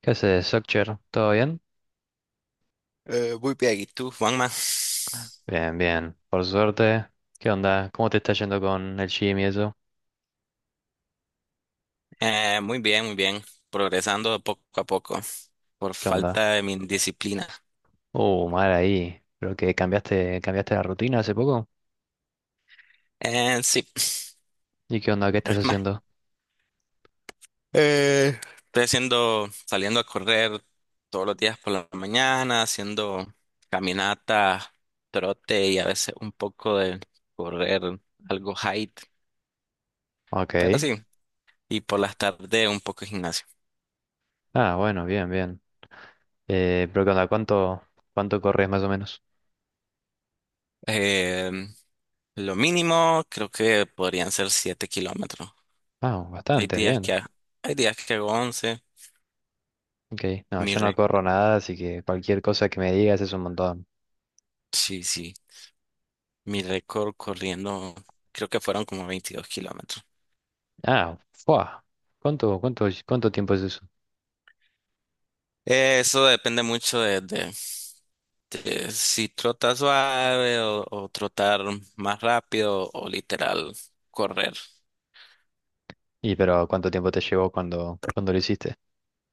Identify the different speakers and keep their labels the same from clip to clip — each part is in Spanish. Speaker 1: ¿Qué haces, Soccer? ¿Todo bien?
Speaker 2: Muy bien, ¿y tú, Juanma?
Speaker 1: Bien, bien. Por suerte. ¿Qué onda? ¿Cómo te está yendo con el gym y eso?
Speaker 2: Muy bien, muy bien. Progresando poco a poco por
Speaker 1: ¿Qué onda?
Speaker 2: falta de mi disciplina.
Speaker 1: Mal ahí. Creo que cambiaste la rutina hace poco.
Speaker 2: Sí,
Speaker 1: ¿Y qué onda? ¿Qué estás
Speaker 2: es más.
Speaker 1: haciendo?
Speaker 2: eh, Estoy haciendo, saliendo a correr todos los días por la mañana, haciendo caminata, trote y a veces un poco de correr, algo height, pero
Speaker 1: Ok.
Speaker 2: sí. Y por las tardes un poco de gimnasio.
Speaker 1: Ah, bueno, bien, bien. Pero ¿qué onda? ¿cuánto corres más o menos?
Speaker 2: Eh, lo mínimo creo que podrían ser 7 kilómetros.
Speaker 1: Ah,
Speaker 2: Hay
Speaker 1: bastante,
Speaker 2: días
Speaker 1: bien.
Speaker 2: que, hay días que hago 11.
Speaker 1: Ok. No,
Speaker 2: Mi
Speaker 1: yo no
Speaker 2: re-
Speaker 1: corro nada, así que cualquier cosa que me digas es un montón.
Speaker 2: sí, sí. Mi récord corriendo, creo que fueron como 22 kilómetros.
Speaker 1: Ah, fuah. ¿Cuánto tiempo es eso?
Speaker 2: Eso depende mucho de, de si trotas suave o trotar más rápido o literal correr.
Speaker 1: Y pero ¿cuánto tiempo te llevó cuando lo hiciste?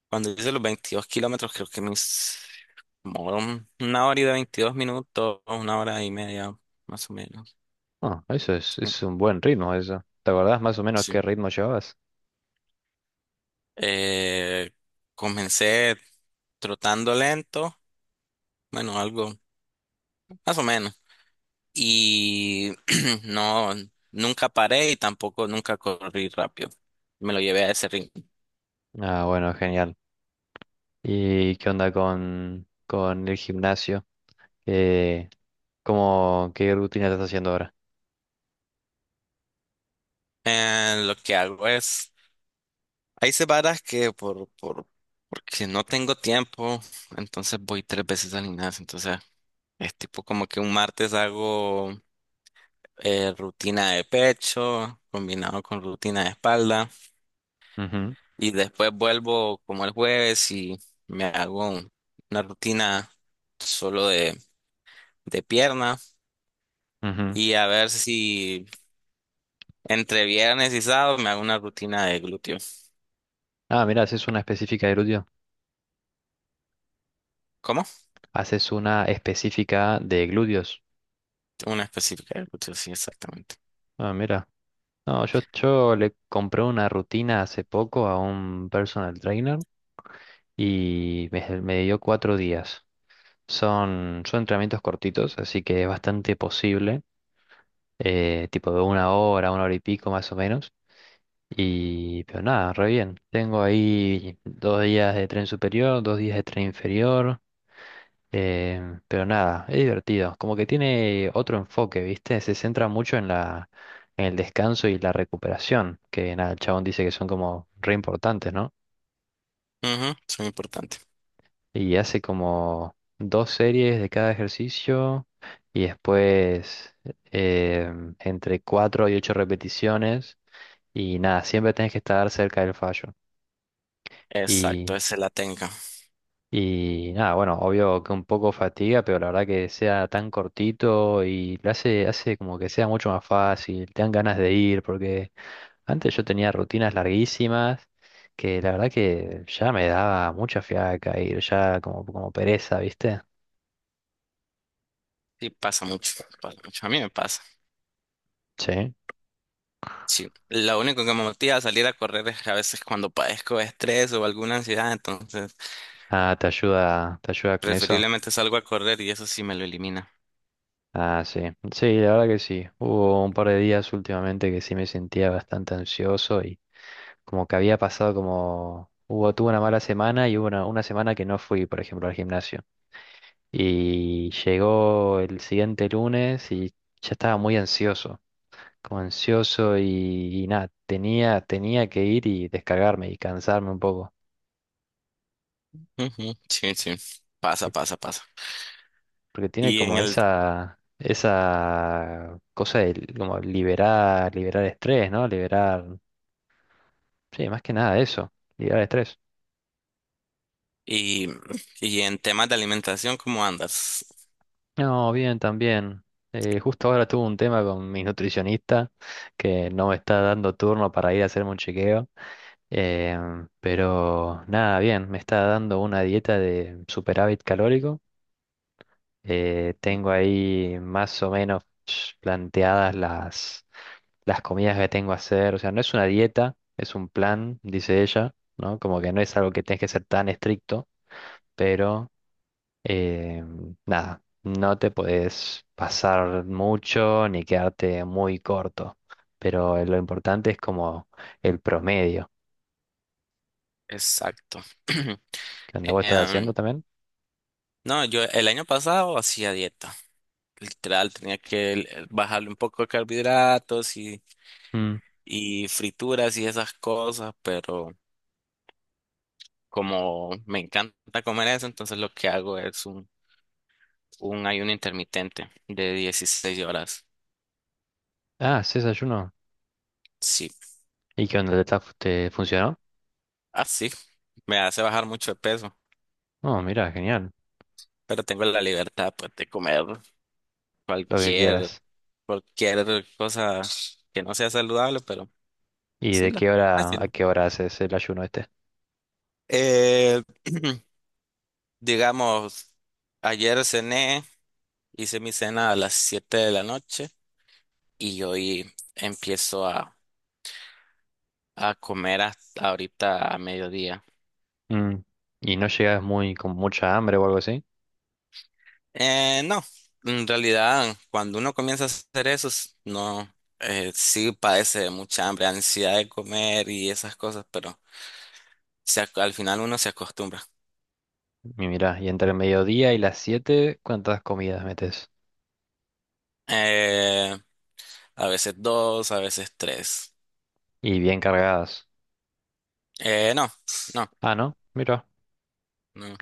Speaker 2: Cuando hice los 22 kilómetros, creo que mis como 1 hora y 22 minutos, una hora y media, más o menos.
Speaker 1: Ah, eso es un buen ritmo eso. ¿Te acordás más o menos
Speaker 2: Sí.
Speaker 1: qué ritmo llevabas?
Speaker 2: Eh, Comencé trotando lento, bueno, algo. Más o menos. Y no, nunca paré y tampoco nunca corrí rápido. Me lo llevé a ese ring.
Speaker 1: Ah, bueno, genial. ¿Y qué onda con el gimnasio? Eh, qué rutina estás haciendo ahora?
Speaker 2: Lo que hago es, hay semanas porque no tengo tiempo, entonces voy tres veces al gimnasio. Entonces es tipo como que un martes hago rutina de pecho combinado con rutina de espalda y después vuelvo como el jueves y me hago un- una rutina solo de pierna.
Speaker 1: Ujú, ujú.
Speaker 2: Y a ver si entre viernes y sábado me hago una rutina de glúteo.
Speaker 1: Ah, mira, haces una específica de glúteo.
Speaker 2: ¿Cómo?
Speaker 1: Haces una específica de glúteos.
Speaker 2: Una específica de glúteo, sí, exactamente.
Speaker 1: Ah, mira. No, yo le compré una rutina hace poco a un personal trainer y me dio 4 días. Son entrenamientos cortitos, así que es bastante posible, tipo de una hora y pico más o menos. Y, pero nada, re bien. Tengo ahí 2 días de tren superior, 2 días de tren inferior, pero nada, es divertido. Como que tiene otro enfoque, ¿viste? Se centra mucho en el descanso y la recuperación, que nada, el chabón dice que son como re importantes, ¿no?
Speaker 2: Ujú, es muy importante.
Speaker 1: Y hace como dos series de cada ejercicio y después entre cuatro y ocho repeticiones. Y nada, siempre tenés que estar cerca del fallo.
Speaker 2: Exacto,
Speaker 1: Y,
Speaker 2: esa la tengo.
Speaker 1: y nada, bueno, obvio que un poco fatiga, pero la verdad que sea tan cortito y lo hace como que sea mucho más fácil, te dan ganas de ir, porque antes yo tenía rutinas larguísimas que la verdad que ya me daba mucha fiaca ir, ya como pereza, ¿viste?
Speaker 2: Sí, pasa mucho, pasa mucho. A mí me pasa.
Speaker 1: Sí.
Speaker 2: Sí, lo único que me motiva a salir a correr es que a veces cuando padezco de estrés o alguna ansiedad, entonces
Speaker 1: Ah, te ayuda con eso.
Speaker 2: preferiblemente salgo a correr y eso sí me lo elimina.
Speaker 1: Ah, sí. Sí, la verdad que sí. Hubo un par de días últimamente que sí me sentía bastante ansioso y como que había pasado como hubo, tuve una mala semana y hubo una semana que no fui, por ejemplo, al gimnasio. Y llegó el siguiente lunes y ya estaba muy ansioso, como ansioso y nada, tenía que ir y descargarme y cansarme un poco.
Speaker 2: Ujú, sí, sí, pasa, pasa, pasa.
Speaker 1: Porque tiene
Speaker 2: Y en
Speaker 1: como
Speaker 2: el
Speaker 1: esa cosa de como liberar, liberar estrés, ¿no? Liberar, sí, más que nada eso, liberar estrés.
Speaker 2: y, y en temas de alimentación, ¿cómo andas?
Speaker 1: No, bien, también. Justo ahora tuve un tema con mi nutricionista que no me está dando turno para ir a hacerme un chequeo, pero nada, bien, me está dando una dieta de superávit calórico. Tengo ahí más o menos planteadas las comidas que tengo a hacer, o sea, no es una dieta, es un plan, dice ella, ¿no? Como que no es algo que tenés que ser tan estricto, pero eh, nada, no te podés pasar mucho ni quedarte muy corto, pero lo importante es como el promedio.
Speaker 2: Exacto.
Speaker 1: ¿Qué onda vos estás haciendo
Speaker 2: Em,
Speaker 1: también?
Speaker 2: no, yo el año pasado hacía dieta. Literal, tenía que bajarle un poco de carbohidratos
Speaker 1: Mm.
Speaker 2: y frituras y esas cosas, pero como me encanta comer eso, entonces lo que hago es un ayuno intermitente de 16 horas.
Speaker 1: Ah, sí, desayuno.
Speaker 2: Sí,
Speaker 1: ¿Y qué onda? ¿Te funcionó?
Speaker 2: así me hace bajar mucho de peso,
Speaker 1: Oh, mira, genial,
Speaker 2: pero tengo la libertad pues, de comer
Speaker 1: lo que
Speaker 2: cualquier,
Speaker 1: quieras.
Speaker 2: cualquier cosa que no sea saludable, pero
Speaker 1: ¿Y
Speaker 2: sí,
Speaker 1: de qué
Speaker 2: me
Speaker 1: hora a
Speaker 2: sirve.
Speaker 1: qué hora haces el ayuno este?
Speaker 2: Eh, digamos, ayer cené, hice mi cena a las 7 de la noche y hoy empiezo a, a comer hasta ahorita a mediodía.
Speaker 1: Mm. ¿Y no llegas muy con mucha hambre o algo así?
Speaker 2: No, en realidad cuando uno comienza a hacer eso, no, sí padece de mucha hambre, ansiedad de comer y esas cosas, pero al final uno se acostumbra.
Speaker 1: Y mirá, y entre el mediodía y las siete, ¿cuántas comidas metes?
Speaker 2: Eh, a veces dos, a veces tres.
Speaker 1: Y bien cargadas.
Speaker 2: No, no,
Speaker 1: Ah, ¿no? Mira.
Speaker 2: no.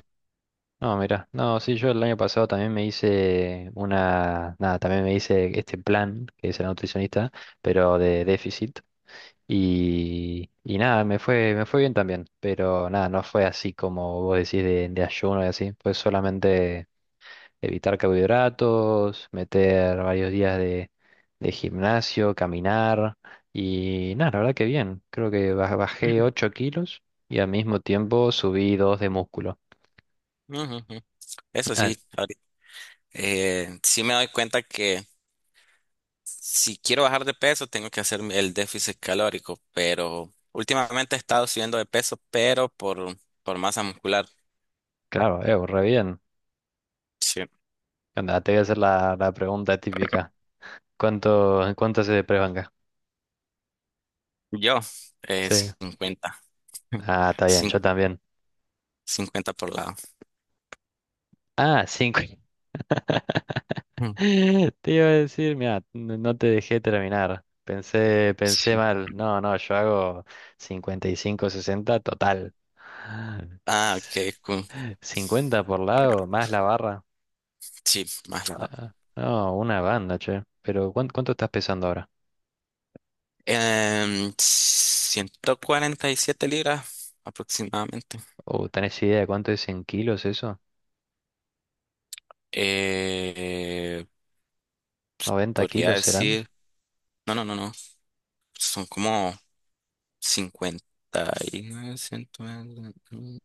Speaker 1: No, mira. No, sí, yo el año pasado también me hice una... Nada, también me hice este plan que es el nutricionista, pero de déficit. Y nada, me fue bien también. Pero nada, no fue así como vos decís de ayuno y así. Fue solamente evitar carbohidratos, meter varios días de gimnasio, caminar y nada, la verdad que bien. Creo que bajé 8 kilos y al mismo tiempo subí 2 de músculo.
Speaker 2: Ujú, ujú. Eso
Speaker 1: Ah,
Speaker 2: sí. Sí me doy cuenta que si quiero bajar de peso tengo que hacer el déficit calórico, pero últimamente he estado subiendo de peso, por masa muscular.
Speaker 1: claro, re bien.
Speaker 2: Sí.
Speaker 1: Anda, te voy a hacer la pregunta típica. ¿Cuánto hace de press?
Speaker 2: Yo,
Speaker 1: Sí.
Speaker 2: cincuenta.
Speaker 1: Ah, está bien, yo
Speaker 2: Cin-
Speaker 1: también.
Speaker 2: 50 por lado.
Speaker 1: Ah, cinco.
Speaker 2: Mm.
Speaker 1: Te iba a decir, mira, no te dejé terminar. Pensé
Speaker 2: Sí.
Speaker 1: mal. No, no, yo hago 55, 60, total.
Speaker 2: Ah,
Speaker 1: S-
Speaker 2: ok, cool.
Speaker 1: 50 por lado, más la barra.
Speaker 2: Sí, más lado.
Speaker 1: Ah, no, una banda, che. Pero ¿cuánto estás pesando ahora?
Speaker 2: 147 libras aproximadamente.
Speaker 1: ¿O tenés idea de cuánto es en kilos eso?
Speaker 2: Eh,
Speaker 1: Noventa
Speaker 2: Podría
Speaker 1: kilos serán?
Speaker 2: decir, no, no, no, no, son como 50 y 120, mm,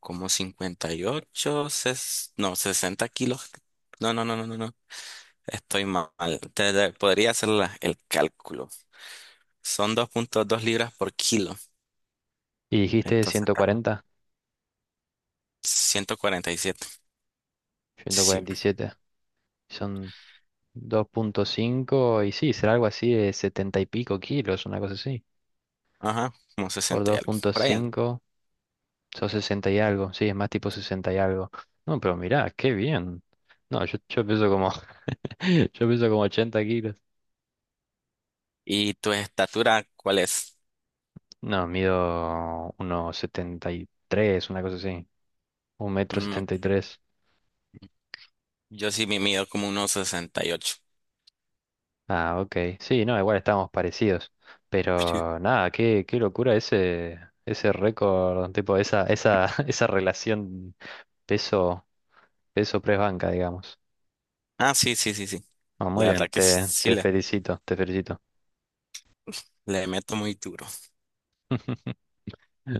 Speaker 2: como 58 ses- no, 60 kilos. No, no, no, no, no, no. Estoy mal. Podría hacer el cálculo. Son 2,2 libras por kilo.
Speaker 1: ¿Y dijiste
Speaker 2: Entonces estamos 147.
Speaker 1: 140?
Speaker 2: Sí.
Speaker 1: 147. Son 2.5 y sí, será algo así de 70 y pico kilos, una cosa así.
Speaker 2: Ajá, como
Speaker 1: Por
Speaker 2: sesenta y algo. Por allá. ¿No?
Speaker 1: 2.5 son 60 y algo. Sí, es más tipo 60 y algo. No, pero mirá, qué bien. No, yo peso como, yo peso como 80 kilos.
Speaker 2: ¿Y tu estatura cuál es?
Speaker 1: No, mido unos 73, una cosa así. Un metro
Speaker 2: Mm,
Speaker 1: setenta y
Speaker 2: ok.
Speaker 1: tres
Speaker 2: Yo sí me mido como unos 68. Sí.
Speaker 1: Ah, ok. Sí, no, igual estábamos parecidos. Pero nada, qué locura ese récord, tipo, esa relación peso, peso press banca, digamos.
Speaker 2: Ah, sí, sí, sí, sí.
Speaker 1: No, muy
Speaker 2: La
Speaker 1: bien,
Speaker 2: verdad que sí
Speaker 1: te, te felicito, te felicito.
Speaker 2: le meto muy duro.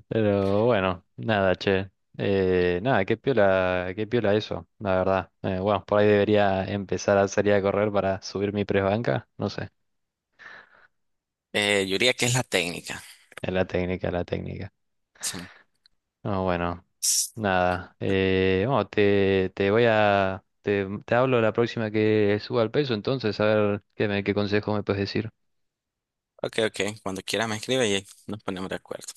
Speaker 1: Pero bueno, nada, che. Nada, qué piola eso, la verdad. Bueno, por ahí debería empezar a salir a correr para subir mi press banca. No sé.
Speaker 2: Yo diría que es la técnica.
Speaker 1: Es la técnica, la técnica.
Speaker 2: Sí.
Speaker 1: No, bueno,
Speaker 2: S-
Speaker 1: nada. Bueno, te voy a. Te hablo la próxima que suba el peso, entonces a ver qué consejos me puedes decir.
Speaker 2: Ok, ok. Cuando quiera me escribe y nos ponemos de acuerdo.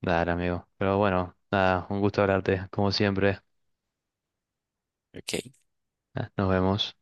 Speaker 1: Dale, amigo. Pero bueno, nada, un gusto hablarte, como siempre.
Speaker 2: Ok.
Speaker 1: Ah, nos vemos.